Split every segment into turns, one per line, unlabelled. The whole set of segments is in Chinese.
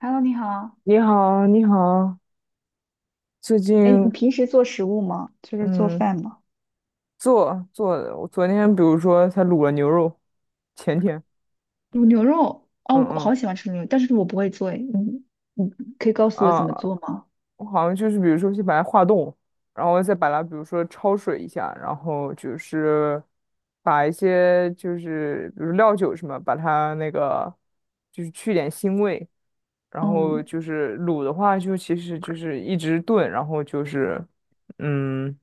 Hello，你好。
你好，你好，最
哎，你
近
平时做食物吗？就是做
嗯
饭吗？
做的，我昨天比如说才卤了牛肉，前天，
卤牛肉，哦，
嗯
我
嗯
好喜欢吃牛肉，但是我不会做诶。你可以告诉我
啊，
怎么做吗？
我好像就是比如说先把它化冻，然后再把它比如说焯水一下，然后就是把一些就是比如料酒什么，把它那个就是去点腥味，然后
嗯，
就是卤的话就其实就是一直炖，然后就是。嗯，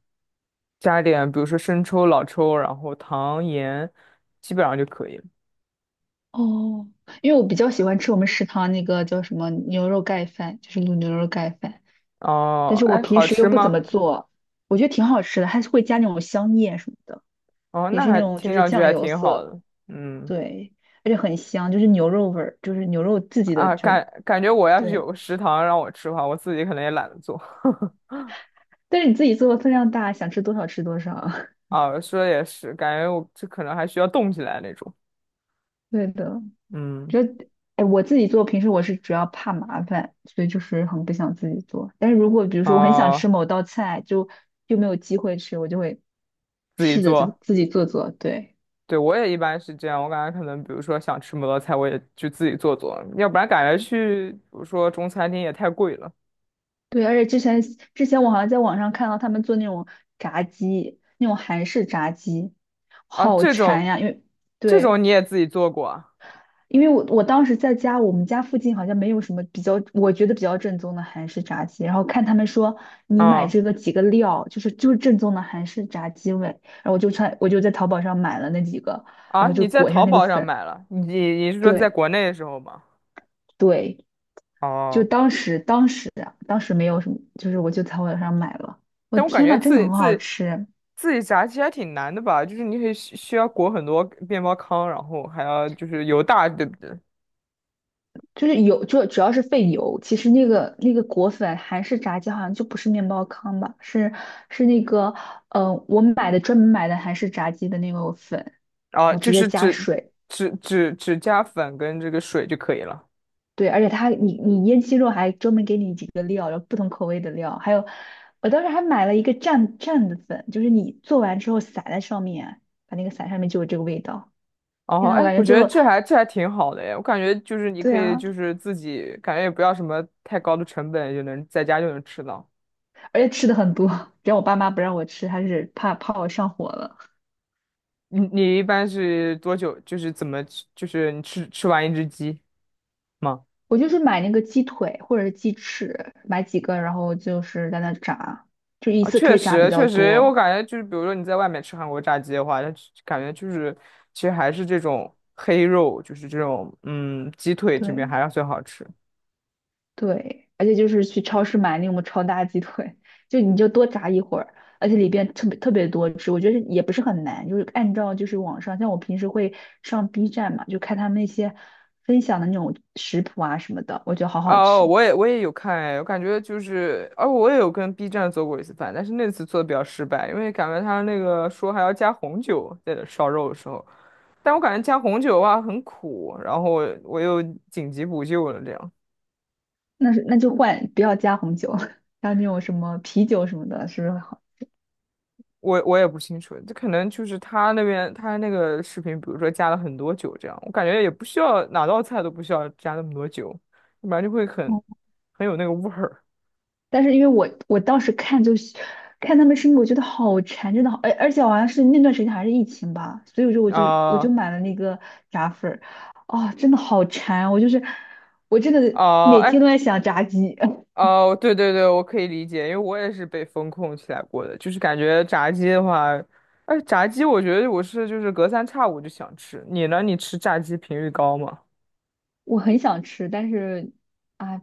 加点比如说生抽、老抽，然后糖、盐，基本上就可以了。
哦，因为我比较喜欢吃我们食堂那个叫什么牛肉盖饭，就是卤牛肉盖饭，但
哦，
是我
哎，
平
好
时又
吃
不怎么
吗？
做，我觉得挺好吃的，还是会加那种香叶什么的，
哦，
也
那
是那
还
种就
听
是
上去
酱
还
油
挺好
色，
的。嗯
对，而且很香，就是牛肉味儿，就是牛肉自己的，就
感觉我要是有
对。
个食堂让我吃的话，我自己可能也懒得做。
但是你自己做的分量大，想吃多少吃多少。
啊，说的也是，感觉我这可能还需要动起来那种。
对的，
嗯，
就得哎，我自己做平时我是主要怕麻烦，所以就是很不想自己做。但是如果比如说我很想
哦，
吃某道菜，就没有机会吃，我就会
自己
试着自
做，
自己做做。对
对，我也一般是这样。我感觉可能，比如说想吃摩托菜，我也就自己做做，要不然感觉去，比如说中餐厅也太贵了
对，而且之前我好像在网上看到他们做那种炸鸡，那种韩式炸鸡，
啊。
好
这
馋
种，
呀！
这种你
对，
也自己做过啊？
因为我当时在家，我们家附近好像没有什么比较，我觉得比较正宗的韩式炸鸡。然后看他们说你买
哦
这个几个料，就是正宗的韩式炸鸡味。然后我就在淘宝上买了那几个，然
啊，
后就
你在
裹一下
淘
那个
宝上
粉。
买了？你是说在
对
国内的时候吗？
对，就
哦，
当时没有什么，就是我就淘宝上买了。我
但我感
天
觉
呐，真
自
的
己
很好
自己
吃。
自己炸鸡还挺难的吧？就是你得需要裹很多面包糠，然后还要就是油大，对不对？
就是油，就主要是费油。其实那个裹粉韩式炸鸡好像就不是面包糠吧，是那个我买的专门买的韩式炸鸡的那个粉，然
啊，
后直
就
接
是
加
只
水。
只只只加粉跟这个水就可以了。
对，而且它你腌鸡肉还专门给你几个料，然后不同口味的料，还有我当时还买了一个蘸蘸的粉，就是你做完之后撒在上面，把那个撒上面就有这个味道。天
哦，
呐，我
哎，
感
我
觉
觉得这还这还挺好的哎，我感觉就是你
对
可以
啊，
就是自己感觉也不要什么太高的成本就能在家就能吃到。
而且吃的很多，只要我爸妈不让我吃，还是怕我上火了。
你一般是多久？就是怎么吃？就是你吃完一只鸡吗？
我就是买那个鸡腿或者是鸡翅，买几个，然后就是在那炸，就一
啊，
次可
确
以炸比
实
较
确实，我
多。
感觉就是，比如说你在外面吃韩国炸鸡的话，它就感觉就是，其实还是这种黑肉，就是这种嗯鸡腿这边
对
还是最好吃。
对，而且就是去超市买那种超大鸡腿，就你就多炸一会儿，而且里边特别特别多汁，我觉得也不是很难，就是按照就是网上，像我平时会上 B 站嘛，就看他们那些分享的那种食谱啊什么的，我觉得好好
哦，
吃。
我也有看哎，我感觉就是，哦，我也有跟 B 站做过一次饭，但是那次做的比较失败，因为感觉他那个说还要加红酒在这烧肉的时候，但我感觉加红酒的话很苦，然后我又紧急补救了这样。
那是那就换，不要加红酒，还有那种什么啤酒什么的，是不是好？
我也不清楚，这可能就是他那边他那个视频，比如说加了很多酒这样，我感觉也不需要哪道菜都不需要加那么多酒，要不然就会很
哦，
很有那个味儿
但是因为我当时看就是看他们吃，我觉得好馋，真的好，而且好像是那段时间还是疫情吧，所以我说我就
啊
买了那个炸粉儿，啊、真的好馋啊，我就是我真的
啊
每天
哎
都在想炸鸡，
哦对对对，我可以理解，因为我也是被风控起来过的，就是感觉炸鸡的话，哎炸鸡我觉得我是就是隔三差五就想吃，你呢？你吃炸鸡频率高吗？
我很想吃，但是啊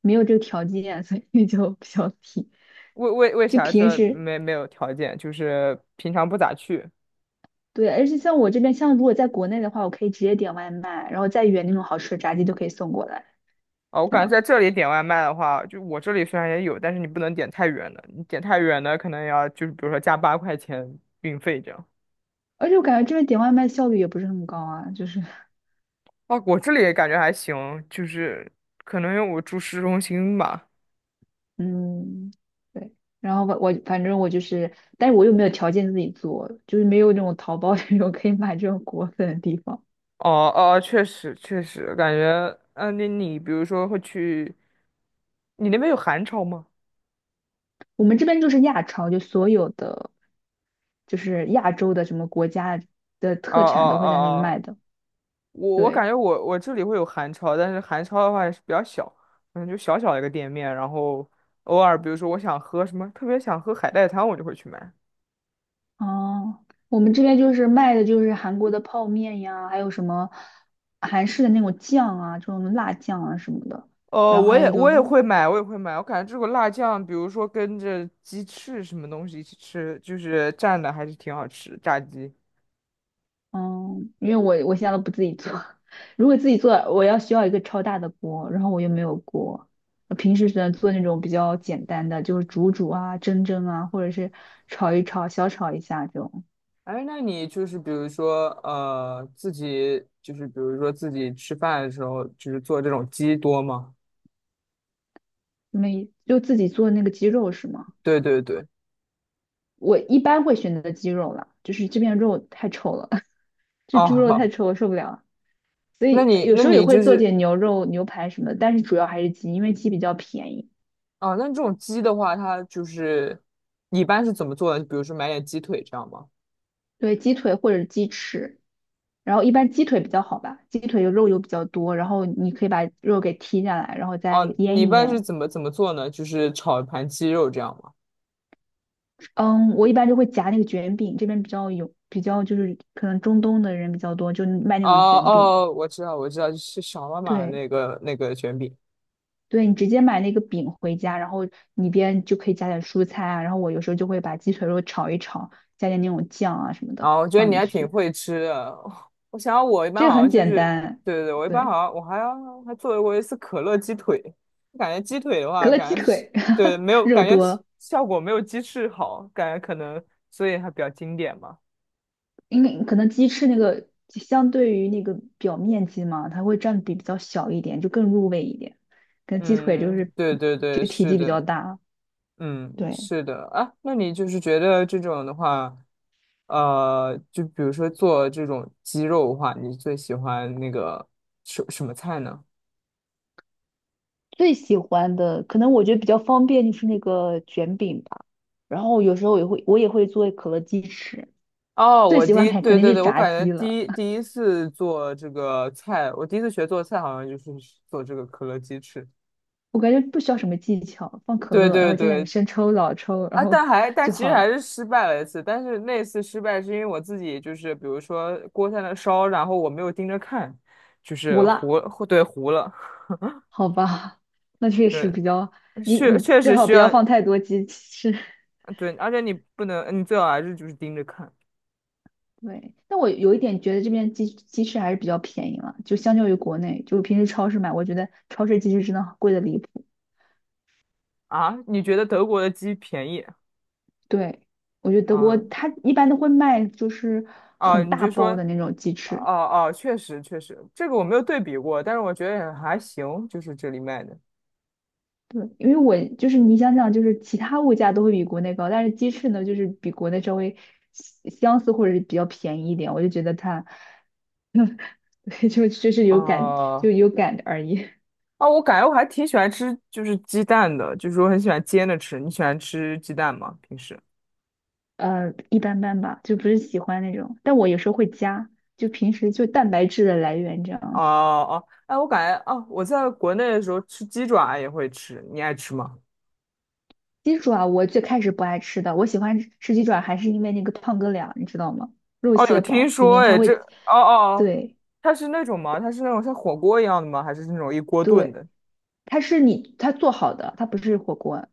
没有这个条件，所以就比较皮，
为为为
就
啥
平
说
时。
没有条件？就是平常不咋去。
对，而且像我这边，像如果在国内的话，我可以直接点外卖，然后再远那种好吃的炸鸡都可以送过来。
哦，我
这
感觉
样。
在这里点外卖的话，就我这里虽然也有，但是你不能点太远的，你点太远的可能要就是比如说加8块钱运费这样。
而且我感觉这边点外卖效率也不是很高啊，就是，
啊，我这里也感觉还行，就是可能因为我住市中心吧。
嗯，对。然后我反正我就是，但是我又没有条件自己做，就是没有那种淘宝 这种可以买这种果粉的地方。
哦哦，确实确实，感觉嗯，你比如说会去，你那边有韩超吗？
我们这边就是亚超，就所有的就是亚洲的什么国家的
哦哦
特产都
哦
会在那里
哦
卖的。
我感
对，
觉我这里会有韩超，但是韩超的话也是比较小，嗯，就小小一个店面，然后偶尔比如说我想喝什么，特别想喝海带汤，我就会去买。
哦，我们这边就是卖的就是韩国的泡面呀，还有什么韩式的那种酱啊，这种辣酱啊什么的。
哦，
然后
我
还
也
有就
我
是
也会买，我也会买。我感觉这个辣酱，比如说跟着鸡翅什么东西一起吃，就是蘸的还是挺好吃，炸鸡。
嗯，因为我现在都不自己做，如果自己做，我需要一个超大的锅，然后我又没有锅，我平时只能做那种比较简单的，就是煮煮啊、蒸蒸啊，或者是炒一炒、小炒一下这种。
哎，那你就是比如说自己就是比如说自己吃饭的时候，就是做这种鸡多吗？
没，就自己做那个鸡肉是吗？
对对对。
我一般会选择鸡肉了，就是这边肉太臭了，这猪肉太
哦，
臭，我受不了。所
那
以
你
有
那
时候也
你
会
就
做
是
点牛肉、牛排什么的，但是主要还是鸡，因为鸡比较便宜。
哦，那这种鸡的话，它就是你一般是怎么做呢？比如说买点鸡腿这样吗？
对，鸡腿或者鸡翅。然后一般鸡腿比较好吧，鸡腿肉油比较多，然后你可以把肉给剔下来，然后再
哦、你
腌
一
一
般是
腌。
怎么做呢？就是炒一盘鸡肉这样吗？
嗯，我一般就会夹那个卷饼，这边比较有，比较就是可能中东的人比较多，就卖那
哦
种卷饼。
哦，我知道我知道，就是小妈妈的
对，
那个卷饼
对你直接买那个饼回家，然后里边就可以加点蔬菜啊，然后我有时候就会把鸡腿肉炒一炒，加点那种酱啊什么的
啊，我觉得
放
你
进
还挺
去，
会吃的。我想我一般
这个
好
很
像就
简
是，
单。
对对对，我一般好
对，
像我还要还做过一次可乐鸡腿，感觉鸡腿的
可
话，
乐鸡
感觉是
腿，
对没有
肉
感觉
多。
效果没有鸡翅好，感觉可能所以还比较经典吧。
因为可能鸡翅那个相对于那个表面积嘛，它会占比比较小一点，就更入味一点。跟鸡腿就
嗯，
是
对对对，
体
是
积比较
的，
大，
嗯，
对，
是的啊。那你就是觉得这种的话，就比如说做这种鸡肉的话，你最喜欢那个什么菜呢？
最喜欢的，可能我觉得比较方便就是那个卷饼吧，然后有时候我也会做可乐鸡翅。
哦，
最
我
喜
第
欢
一，
肯肯
对
定
对
是
对，我
炸
感觉
鸡了。
第一次做这个菜，我第一次学做菜好像就是做这个可乐鸡翅。
我感觉不需要什么技巧，放可
对
乐，然
对
后加点
对，
生抽、老抽，然
啊，
后
但还但
就
其实
好
还
了，
是失败了一次，但是那次失败是因为我自己就是比如说锅在那烧，然后我没有盯着看，就
无
是
辣，
糊了，
好吧？那确实
对，
比较，你
确
你
确
最
实
好
需
不要
要
放太多鸡翅。
对，而且你不能，你最好还是就是盯着看
对，但我有一点觉得这边鸡翅还是比较便宜了，就相较于国内，就平时超市买，我觉得超市鸡翅真的贵的离谱。
啊。你觉得德国的鸡便宜
对，我觉得德国
啊？
它一般都会卖就是很
你
大
就说
包的那种鸡翅。
哦哦，确实确实，这个我没有对比过，但是我觉得也还行，就是这里卖的
对，因为我就是你想想，就是其他物价都会比国内高，但是鸡翅呢，就是比国内稍微相相似或者是比较便宜一点，我就觉得它，对就是有感就
啊。
有感而已。
啊，我感觉我还挺喜欢吃，就是鸡蛋的，就是我很喜欢煎着吃。你喜欢吃鸡蛋吗？平时？
一般般吧，就不是喜欢那种。但我有时候会加，就平时就蛋白质的来源这
哦
样子。
哦，哎，我感觉哦，我在国内的时候吃鸡爪也会吃，你爱吃吗？
鸡爪我最开始不爱吃的，我喜欢吃鸡爪还是因为那个胖哥俩，你知道吗？肉
哦，有
蟹
听
煲里
说
面它
哎，这
会，
哦哦，
对
它是那种吗？它是那种像火锅一样的吗？还是那种一锅炖
对，
的？
它是你它做好的，它不是火锅，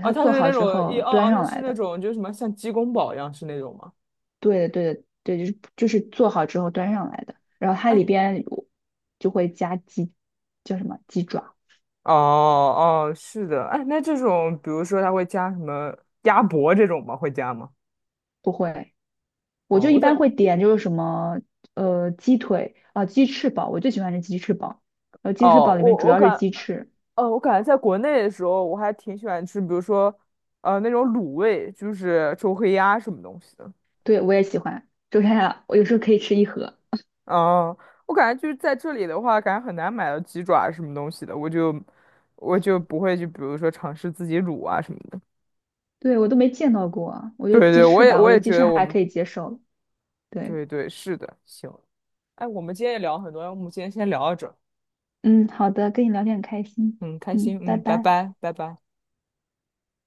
哦，它
做
是
好
那
之
种一
后
哦
端
哦，它
上
是
来
那
的。
种就是什么像鸡公煲一样是那种吗？
对的对的对，就是做好之后端上来的。然后它
哎，
里边有就会加鸡，叫什么鸡爪？
哦哦，是的，哎，那这种比如说它会加什么鸭脖这种吗？会加吗？
不会。我
哦，
就一
我
般
在。
会点就是什么鸡腿啊、鸡翅堡，我最喜欢是鸡翅堡。鸡翅
哦，
堡里面主要是鸡翅，
我感觉在国内的时候，我还挺喜欢吃，比如说，那种卤味，就是周黑鸭什么东西的。
对我也喜欢。就 是它我有时候可以吃一盒，
嗯，我感觉就是在这里的话，感觉很难买到鸡爪什么东西的，我就不会去，比如说尝试自己卤啊什么的。
对我都没见到过。我觉得
对
鸡
对，我
翅
也
吧，我
我
觉得
也
鸡
觉
翅
得我
还
们
可以接受。对，
对对是的，行。哎，我们今天也聊了很多，要不我们今天先聊到这儿
嗯，好的，跟你聊天很开心，
嗯，开心，
嗯，拜
嗯，拜
拜。
拜，拜拜。